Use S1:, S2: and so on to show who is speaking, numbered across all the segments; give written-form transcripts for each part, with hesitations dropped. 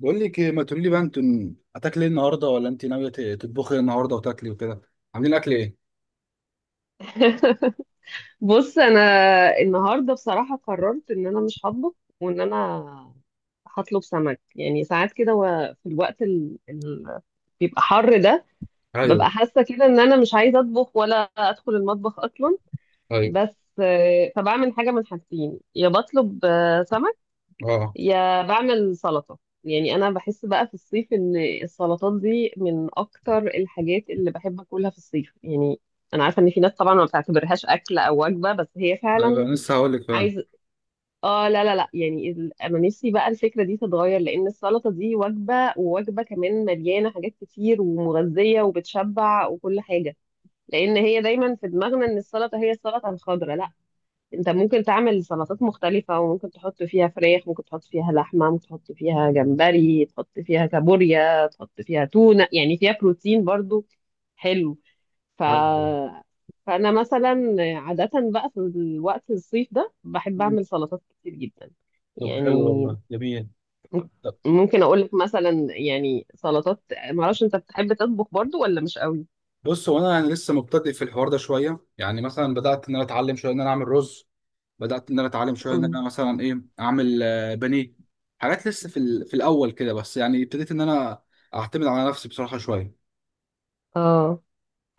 S1: بقول لك إيه؟ ما تقولي لي بقى، انتوا هتاكلي ايه النهارده، ولا انت ناويه تطبخي ايه النهارده وتاكلي وكده؟ عاملين اكل ايه؟
S2: بص، انا النهارده بصراحه قررت ان انا مش هطبخ، وان انا هطلب سمك. يعني ساعات كده في الوقت اللي بيبقى حر ده ببقى
S1: ايوه.
S2: حاسه كده ان انا مش عايزه اطبخ ولا ادخل المطبخ اصلا.
S1: ايوه.
S2: بس فبعمل حاجه من حاجتين: يا بطلب سمك،
S1: اه.
S2: يا بعمل سلطه. يعني انا بحس بقى في الصيف ان السلطات دي من اكتر الحاجات اللي بحب اكلها في الصيف. يعني انا عارفه ان في ناس طبعا ما بتعتبرهاش اكل او وجبه، بس هي
S1: ايوه،
S2: فعلا
S1: أنا لسه هقول لك فعلا.
S2: عايزه. اه، لا لا لا، يعني انا نفسي بقى الفكره دي تتغير، لان السلطه دي وجبه، ووجبه كمان مليانه حاجات كتير ومغذيه وبتشبع وكل حاجه. لان هي دايما في دماغنا ان السلطه هي السلطه الخضراء. لا، انت ممكن تعمل سلطات مختلفة، وممكن تحط فيها فراخ، ممكن تحط فيها لحمة، ممكن تحط فيها جمبري، تحط فيها كابوريا، تحط فيها تونة، يعني فيها بروتين برضو. حلو. ف...
S1: ايوه.
S2: فأنا مثلا عادة بقى في الوقت الصيف ده بحب
S1: مم.
S2: أعمل سلطات كتير جدا.
S1: طب حلو
S2: يعني
S1: والله، جميل. طب،
S2: ممكن أقول لك مثلا يعني سلطات. معرفش أنت بتحب تطبخ برضو ولا مش قوي؟
S1: بص هو انا يعني لسه مبتدئ في الحوار ده شويه. يعني مثلا بدات ان انا اتعلم شويه ان انا اعمل رز، بدات ان انا اتعلم شويه ان
S2: مم.
S1: انا مثلا ايه اعمل بانيه. حاجات لسه في في الاول كده، بس يعني ابتديت ان انا اعتمد على نفسي بصراحه شويه.
S2: اه،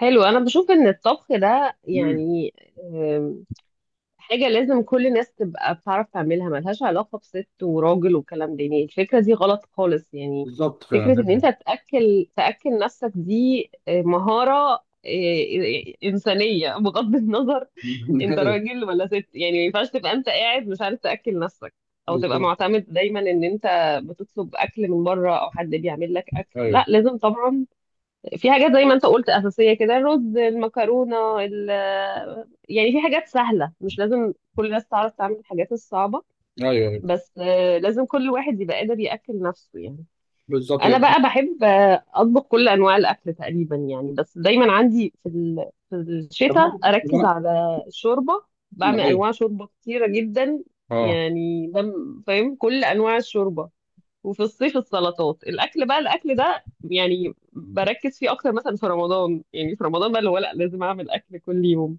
S2: حلو. أنا بشوف إن الطبخ ده
S1: امم.
S2: يعني حاجة لازم كل الناس تبقى بتعرف تعملها. ملهاش علاقة بست وراجل والكلام ده، يعني الفكرة دي غلط خالص يعني.
S1: بالظبط
S2: فكرة ان
S1: فعلا.
S2: انت تأكل نفسك دي مهارة، إنسانية، بغض النظر انت
S1: ايوه.
S2: راجل ولا ست. يعني ما ينفعش تبقى انت قاعد مش عارف تأكل نفسك، او تبقى
S1: بالظبط.
S2: معتمد دايما ان انت بتطلب اكل من بره او حد بيعمل لك اكل.
S1: ايوه.
S2: لا، لازم طبعا. في حاجات زي ما انت قلت اساسيه كده: الرز، المكرونه، ال- يعني في حاجات سهله، مش لازم كل الناس تعرف تعمل الحاجات الصعبه،
S1: ايوه.
S2: بس لازم كل واحد يبقى قادر ياكل نفسه يعني.
S1: بالظبط
S2: انا
S1: كده.
S2: بقى بحب اطبخ كل انواع الاكل تقريبا يعني. بس دايما عندي في
S1: طب
S2: الشتاء
S1: انا طب
S2: اركز
S1: انا
S2: على الشوربه. بعمل
S1: ايوه.
S2: انواع شوربه كتيره جدا.
S1: اه.
S2: يعني فاهم كل انواع الشوربه. وفي الصيف السلطات. الاكل ده يعني بركز فيه اكتر، مثلا في رمضان، يعني في رمضان بقى اللي هو لا لازم اعمل اكل كل يوم.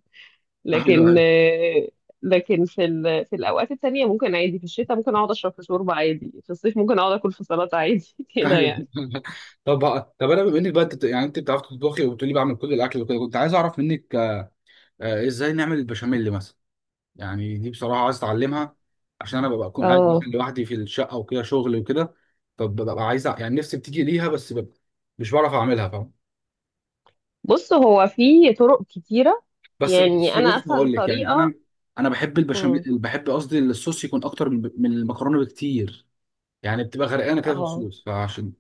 S1: ايوه.
S2: لكن
S1: ايوه.
S2: لكن في الاوقات التانية ممكن عادي. في الشتاء ممكن اقعد اشرب في شوربه عادي، في الصيف ممكن اقعد اكل في سلطه عادي كده
S1: ايوه.
S2: يعني.
S1: طب، انا بما انك بقى انت يعني انت بتعرف تطبخي وبتقولي بعمل كل الاكل وكده، كنت عايز اعرف منك ازاي نعمل البشاميل مثلا. يعني دي بصراحه عايز اتعلمها، عشان انا ببقى اكون قاعد مثلا
S2: اه،
S1: لوحدي في الشقه وكده شغل وكده. فببقى عايز يعني نفسي بتيجي ليها بس ببقى مش بعرف اعملها، فاهم؟
S2: بص هو في طرق كتيره.
S1: بس
S2: يعني
S1: بس
S2: انا
S1: بص
S2: اسهل
S1: هقول لك يعني انا،
S2: طريقه.
S1: انا بحب
S2: مم.
S1: البشاميل، بحب قصدي الصوص يكون اكتر من المكرونه بكتير. يعني بتبقى غرقانه كده في
S2: اه،
S1: الصوص، فعشان.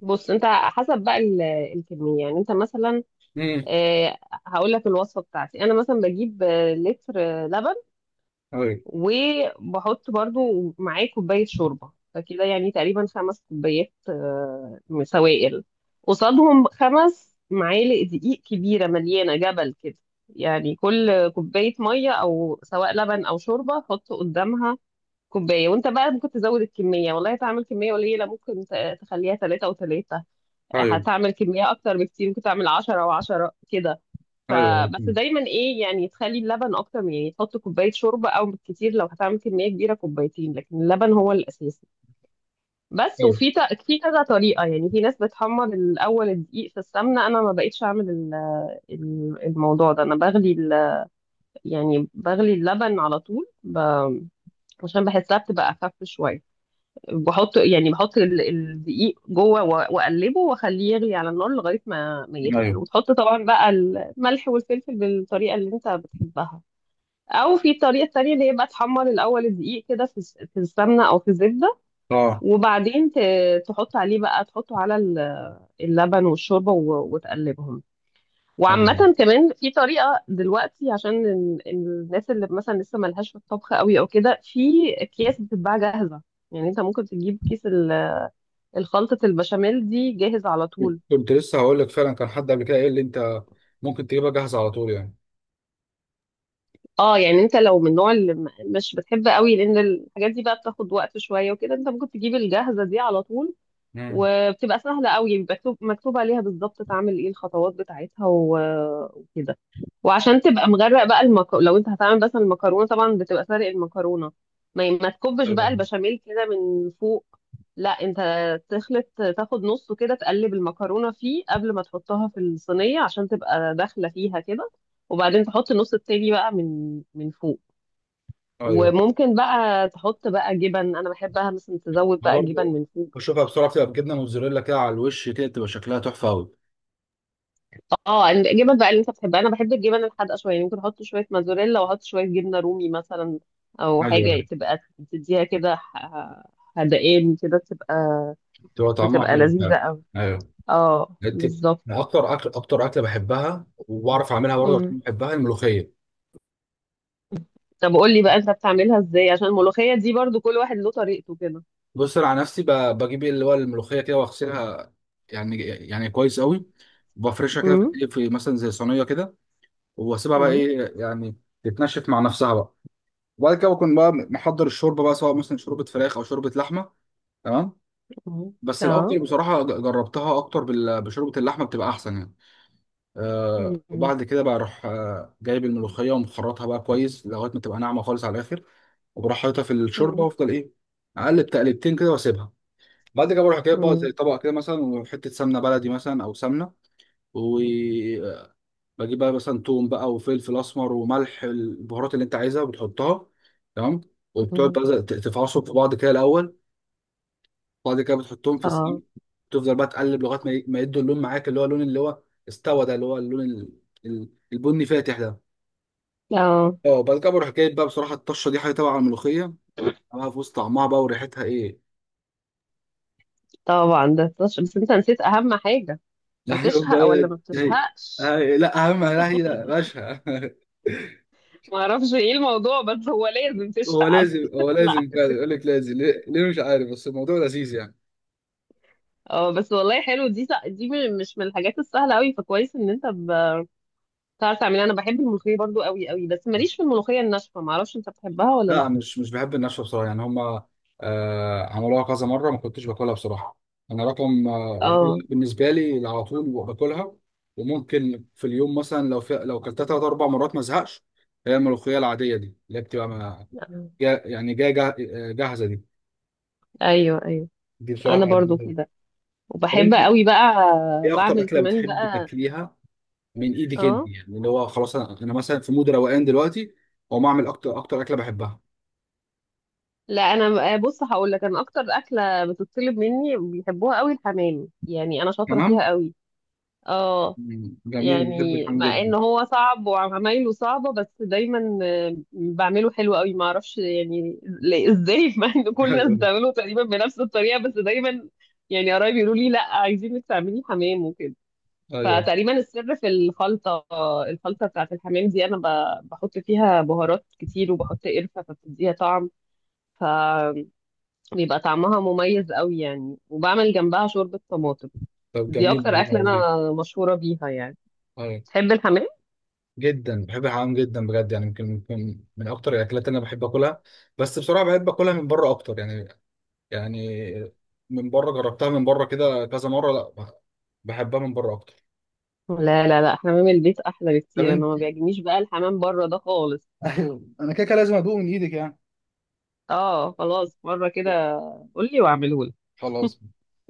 S2: بص انت حسب بقى الكميه. يعني انت مثلا
S1: امم.
S2: آه، هقول لك الوصفه بتاعتي: انا مثلا بجيب لتر لبن،
S1: ايوه.
S2: وبحط برضو معاه كوبايه شوربه، فكده يعني تقريبا خمس كوبايات سوائل، قصادهم خمس معالق دقيق كبيره مليانه جبل كده. يعني كل كوبايه ميه او سواء لبن او شوربه حط قدامها كوبايه. وانت بقى ممكن تزود الكميه والله. هتعمل كميه قليله، ممكن تخليها ثلاثه وثلاثه.
S1: ايوه.
S2: هتعمل كميه اكتر بكتير، ممكن تعمل عشرة وعشرة كده.
S1: ايوه.
S2: فبس
S1: مم.
S2: دايما ايه، يعني تخلي اللبن اكتر من، يعني تحط كوبايه شوربه، او بالكتير لو هتعمل كميه كبيره كوبايتين، لكن اللبن هو الاساسي. بس.
S1: ايوه.
S2: وفي في كذا طريقه، يعني في ناس بتحمر الاول الدقيق في السمنه. انا ما بقيتش اعمل الموضوع ده. انا بغلي يعني بغلي اللبن على طول عشان بحسها بتبقى اخف شويه. بحط يعني بحط الدقيق جوه واقلبه واخليه يغلي على النار لغايه ما يتقل،
S1: ايوه.
S2: وتحط طبعا بقى الملح والفلفل بالطريقه اللي انت بتحبها. او في طريقه تانية اللي هي بقى تحمر الاول الدقيق كده في السمنه او في الزبده،
S1: اه.
S2: وبعدين تحط عليه بقى، تحطه على اللبن والشوربه وتقلبهم.
S1: ايوه.
S2: وعامه كمان في طريقه دلوقتي، عشان الناس اللي مثلا لسه ملهاش في الطبخ قوي او كده، في اكياس بتتباع جاهزه. يعني انت ممكن تجيب كيس الخلطة البشاميل دي جاهز على طول.
S1: كنت لسه هقول لك فعلا، كان حد قبل كده قال لي انت ممكن تجيبها جاهزه على طول يعني.
S2: اه، يعني انت لو من النوع اللي مش بتحب قوي، لان الحاجات دي بقى بتاخد وقت شوية وكده، انت ممكن تجيب الجاهزة دي على طول.
S1: امم.
S2: وبتبقى سهلة قوي. بيبقى مكتوب عليها بالظبط تعمل ايه الخطوات بتاعتها وكده. وعشان تبقى مغرق بقى لو انت هتعمل مثلا المكرونة، طبعا بتبقى سارق المكرونة، ما تكبش بقى
S1: ايوه.
S2: البشاميل كده من فوق. لا، انت تخلط، تاخد نصه كده، تقلب المكرونة فيه قبل ما تحطها في الصينية عشان تبقى داخلة فيها كده، وبعدين تحط النص التاني بقى من فوق.
S1: ايوه.
S2: وممكن بقى تحط بقى جبن. انا بحبها مثلا تزود
S1: انا
S2: بقى جبن
S1: برضو
S2: من فوق.
S1: بشوفها بسرعه بتبقى بجبنه موتزاريلا كده على الوش، كده تبقى شكلها تحفه قوي.
S2: اه، الجبن بقى اللي انت بتحبها. انا بحب الجبن الحادقه شويه، يعني ممكن احط شويه موزاريلا واحط شويه جبنه رومي مثلا، او حاجه
S1: ايوه.
S2: تبقى تديها كده حدقان كده، تبقى
S1: بتبقى طعمها
S2: بتبقى
S1: حلو
S2: لذيذه
S1: فعلا.
S2: قوي.
S1: ايوه.
S2: اه،
S1: انت،
S2: بالظبط.
S1: اكتر اكله بحبها وبعرف اعملها برضه
S2: مم.
S1: عشان بحبها، الملوخيه.
S2: طب قول لي بقى انت بتعملها ازاي، عشان الملوخيه دي برضو كل واحد له طريقته كده.
S1: بص انا على نفسي بجيب اللي هو الملوخيه كده واغسلها يعني كويس قوي، وبفرشها كده في
S2: امم.
S1: الدقيق في مثلا زي صينيه كده، واسيبها بقى
S2: امم.
S1: ايه يعني تتنشف مع نفسها بقى. وبعد كده بكون بقى محضر الشوربه بقى، سواء مثلا شوربه فراخ او شوربه لحمه. تمام.
S2: مم.
S1: بس
S2: اه.
S1: الافضل بصراحه، جربتها اكتر بشوربه اللحمه، بتبقى احسن يعني.
S2: مم.
S1: وبعد كده بقى اروح جايب الملوخيه ومخرطها بقى كويس لغايه ما تبقى ناعمه خالص على الاخر. وبروح حاططها في الشوربه
S2: مم.
S1: وافضل ايه، اقلب تقلبتين كده واسيبها. بعد كده بروح جايب بقى
S2: مم.
S1: زي طبق كده مثلا، وحته سمنه بلدي مثلا او سمنه. وبجيب بقى مثلا توم بقى وفلفل اسمر وملح، البهارات اللي انت عايزها بتحطها. تمام. وبتقعد
S2: مم.
S1: بقى تفعصهم في بعض كده الاول. بعد كده بتحطهم في
S2: اه.
S1: السمنه. تفضل بقى تقلب لغايه ما ما يدوا اللون معاك، اللي هو اللون اللي هو استوى ده، اللي هو اللون البني فاتح ده.
S2: اه،
S1: اه. بعد كده بروح جايب بقى بصراحه الطشه، دي حاجه تبع الملوخيه بقى، في وسط طعمها بقى وريحتها ايه.
S2: طبعا ده بس انت نسيت اهم حاجه:
S1: لا،
S2: بتشهق ولا ما بتشهقش؟
S1: لا اهم، لا هي لا باشا.
S2: ما اعرفش ايه الموضوع، بس هو لازم
S1: هو
S2: تشفق على
S1: لازم، هو لازم
S2: لا.
S1: فعلا يقول لك لازم، ليه؟ ليه مش عارف، بس الموضوع لذيذ يعني.
S2: اه بس والله حلو. دي مش من الحاجات السهله قوي، فكويس ان انت بتعرف تعملها. انا بحب الملوخيه برضو قوي قوي، بس ماليش في الملوخيه الناشفه. ما اعرفش انت بتحبها ولا
S1: لا،
S2: لا.
S1: مش مش بحب النشوة بصراحة، يعني هما عملوها كذا مرة ما كنتش باكلها بصراحة. أنا رقم يعني،
S2: اه.
S1: بالنسبة لي على طول باكلها. وممكن في اليوم مثلا، لو في لو كلتها تلات أربع مرات ما زهقش. هي الملوخية العادية دي اللي هي بتبقى
S2: آه.
S1: يعني جاية جاهزة، دي
S2: ايوه، ايوه.
S1: دي بصراحة
S2: انا برضو
S1: بحبها.
S2: كده،
S1: طب
S2: وبحب
S1: أنت،
S2: قوي بقى.
S1: إيه أكتر
S2: بعمل
S1: أكلة
S2: كمان
S1: بتحب
S2: بقى.
S1: تاكليها من ايدك انت؟
S2: اه،
S1: يعني اللي هو خلاص انا، أنا مثلا في مود روقان دلوقتي واقوم اعمل اكتر اكله بحبها.
S2: لا انا بص هقول لك، انا اكتر اكله بتطلب مني بيحبوها قوي الحمام. يعني انا شاطره فيها
S1: تمام.
S2: قوي. اه،
S1: مم، جميل. بحب
S2: يعني
S1: الحمام
S2: مع ان
S1: جدا.
S2: هو صعب وعمايله صعبة، بس دايما بعمله حلو قوي. ما اعرفش يعني ازاي مع ان كل الناس
S1: ايوه.
S2: بتعمله تقريبا بنفس الطريقة، بس دايما يعني قرايبي يقولوا لي لا، عايزينك تعملي حمام وكده.
S1: ايوه.
S2: فتقريبا السر في الخلطة، الخلطة بتاعت الحمام دي انا بحط فيها بهارات كتير وبحط قرفة فبتديها طعم، فبيبقى طعمها مميز قوي يعني. وبعمل جنبها شوربة طماطم.
S1: طب
S2: دي
S1: جميل
S2: اكتر
S1: والله
S2: اكلة
S1: عظيم.
S2: انا مشهورة بيها يعني.
S1: ايوه.
S2: تحب الحمام؟
S1: جدا بحب الحمام جدا بجد يعني، يمكن من اكتر الاكلات اللي انا بحب اكلها. بس بصراحه بحب اكلها من بره اكتر يعني. يعني من بره جربتها من بره كده كذا مره، لا، بحبها من بره اكتر.
S2: لا لا لا، حمام البيت احلى
S1: طب
S2: بكتير. انا
S1: انت.
S2: ما بيعجبنيش بقى الحمام بره ده خالص.
S1: ايوه، انا كده كده لازم ادوق من ايدك يعني.
S2: اه، خلاص، مره كده قول لي واعمله لك.
S1: خلاص.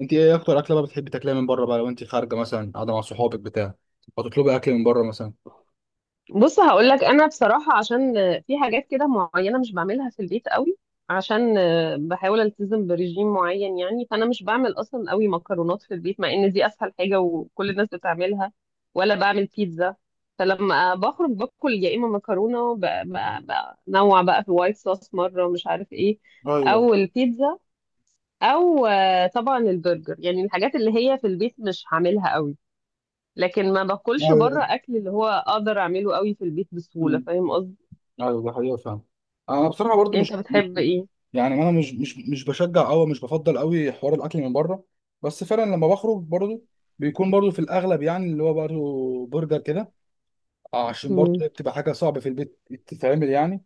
S1: انت ايه اكتر اكله بقى بتحبي تاكليها من بره بقى، لو انت خارجه مثلا قاعده مع صحابك بتاع؟ هتطلبي اكل من بره مثلا؟
S2: بص هقول لك، انا بصراحه عشان في حاجات كده معينه مش بعملها في البيت قوي، عشان بحاول التزم برجيم معين. يعني فانا مش بعمل اصلا قوي مكرونات في البيت مع ان دي اسهل حاجه وكل الناس بتعملها، ولا بعمل بيتزا. فلما بخرج باكل يا اما مكرونه بنوع بقى في وايت صوص مره مش عارف ايه،
S1: ايوه.
S2: او البيتزا، او طبعا البرجر، يعني الحاجات اللي هي في البيت مش هعملها قوي. لكن ما باكلش بره
S1: ايوه.
S2: اكل اللي هو اقدر اعمله قوي في البيت بسهوله،
S1: مم.
S2: فاهم قصدي.
S1: ايوه ده حقيقه فعلا. انا بصراحه برضو
S2: انت
S1: مش،
S2: بتحب ايه؟
S1: يعني انا مش بشجع قوي، مش بفضل قوي حوار الاكل من بره. بس فعلا لما بخرج برضو، بيكون برضو في الاغلب يعني اللي هو برضو برجر كده. عشان برضو
S2: امم.
S1: هي بتبقى حاجه صعبه في البيت تتعمل يعني.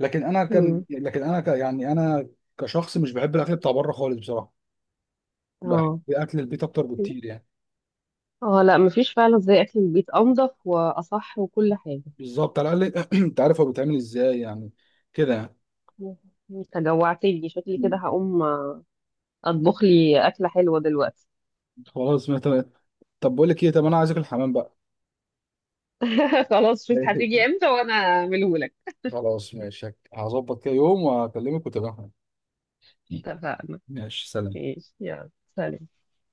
S1: لكن انا كان
S2: امم.
S1: لكن انا ك يعني انا كشخص مش بحب الاكل بتاع بره خالص بصراحه. بحب
S2: اه.
S1: اكل البيت اكتر بكتير يعني.
S2: اه، لا، مفيش فعلا زي اكل البيت، انضف واصح وكل حاجه.
S1: بالظبط، على الاقل انت عارف هو بيتعمل ازاي يعني، كده.
S2: انت جوعتني، شكلي كده
S1: يعني.
S2: هقوم اطبخ لي اكله حلوه دلوقتي.
S1: خلاص، ما تمام. طب بقول لك ايه، طب انا عايز اكل حمام بقى.
S2: خلاص، شوف هتيجي امتى وانا اعمله لك.
S1: خلاص ماشي، هظبط كده يوم وهكلمك وتبقى.
S2: اتفقنا.
S1: ماشي، سلام.
S2: ماشي، يلا. سلام.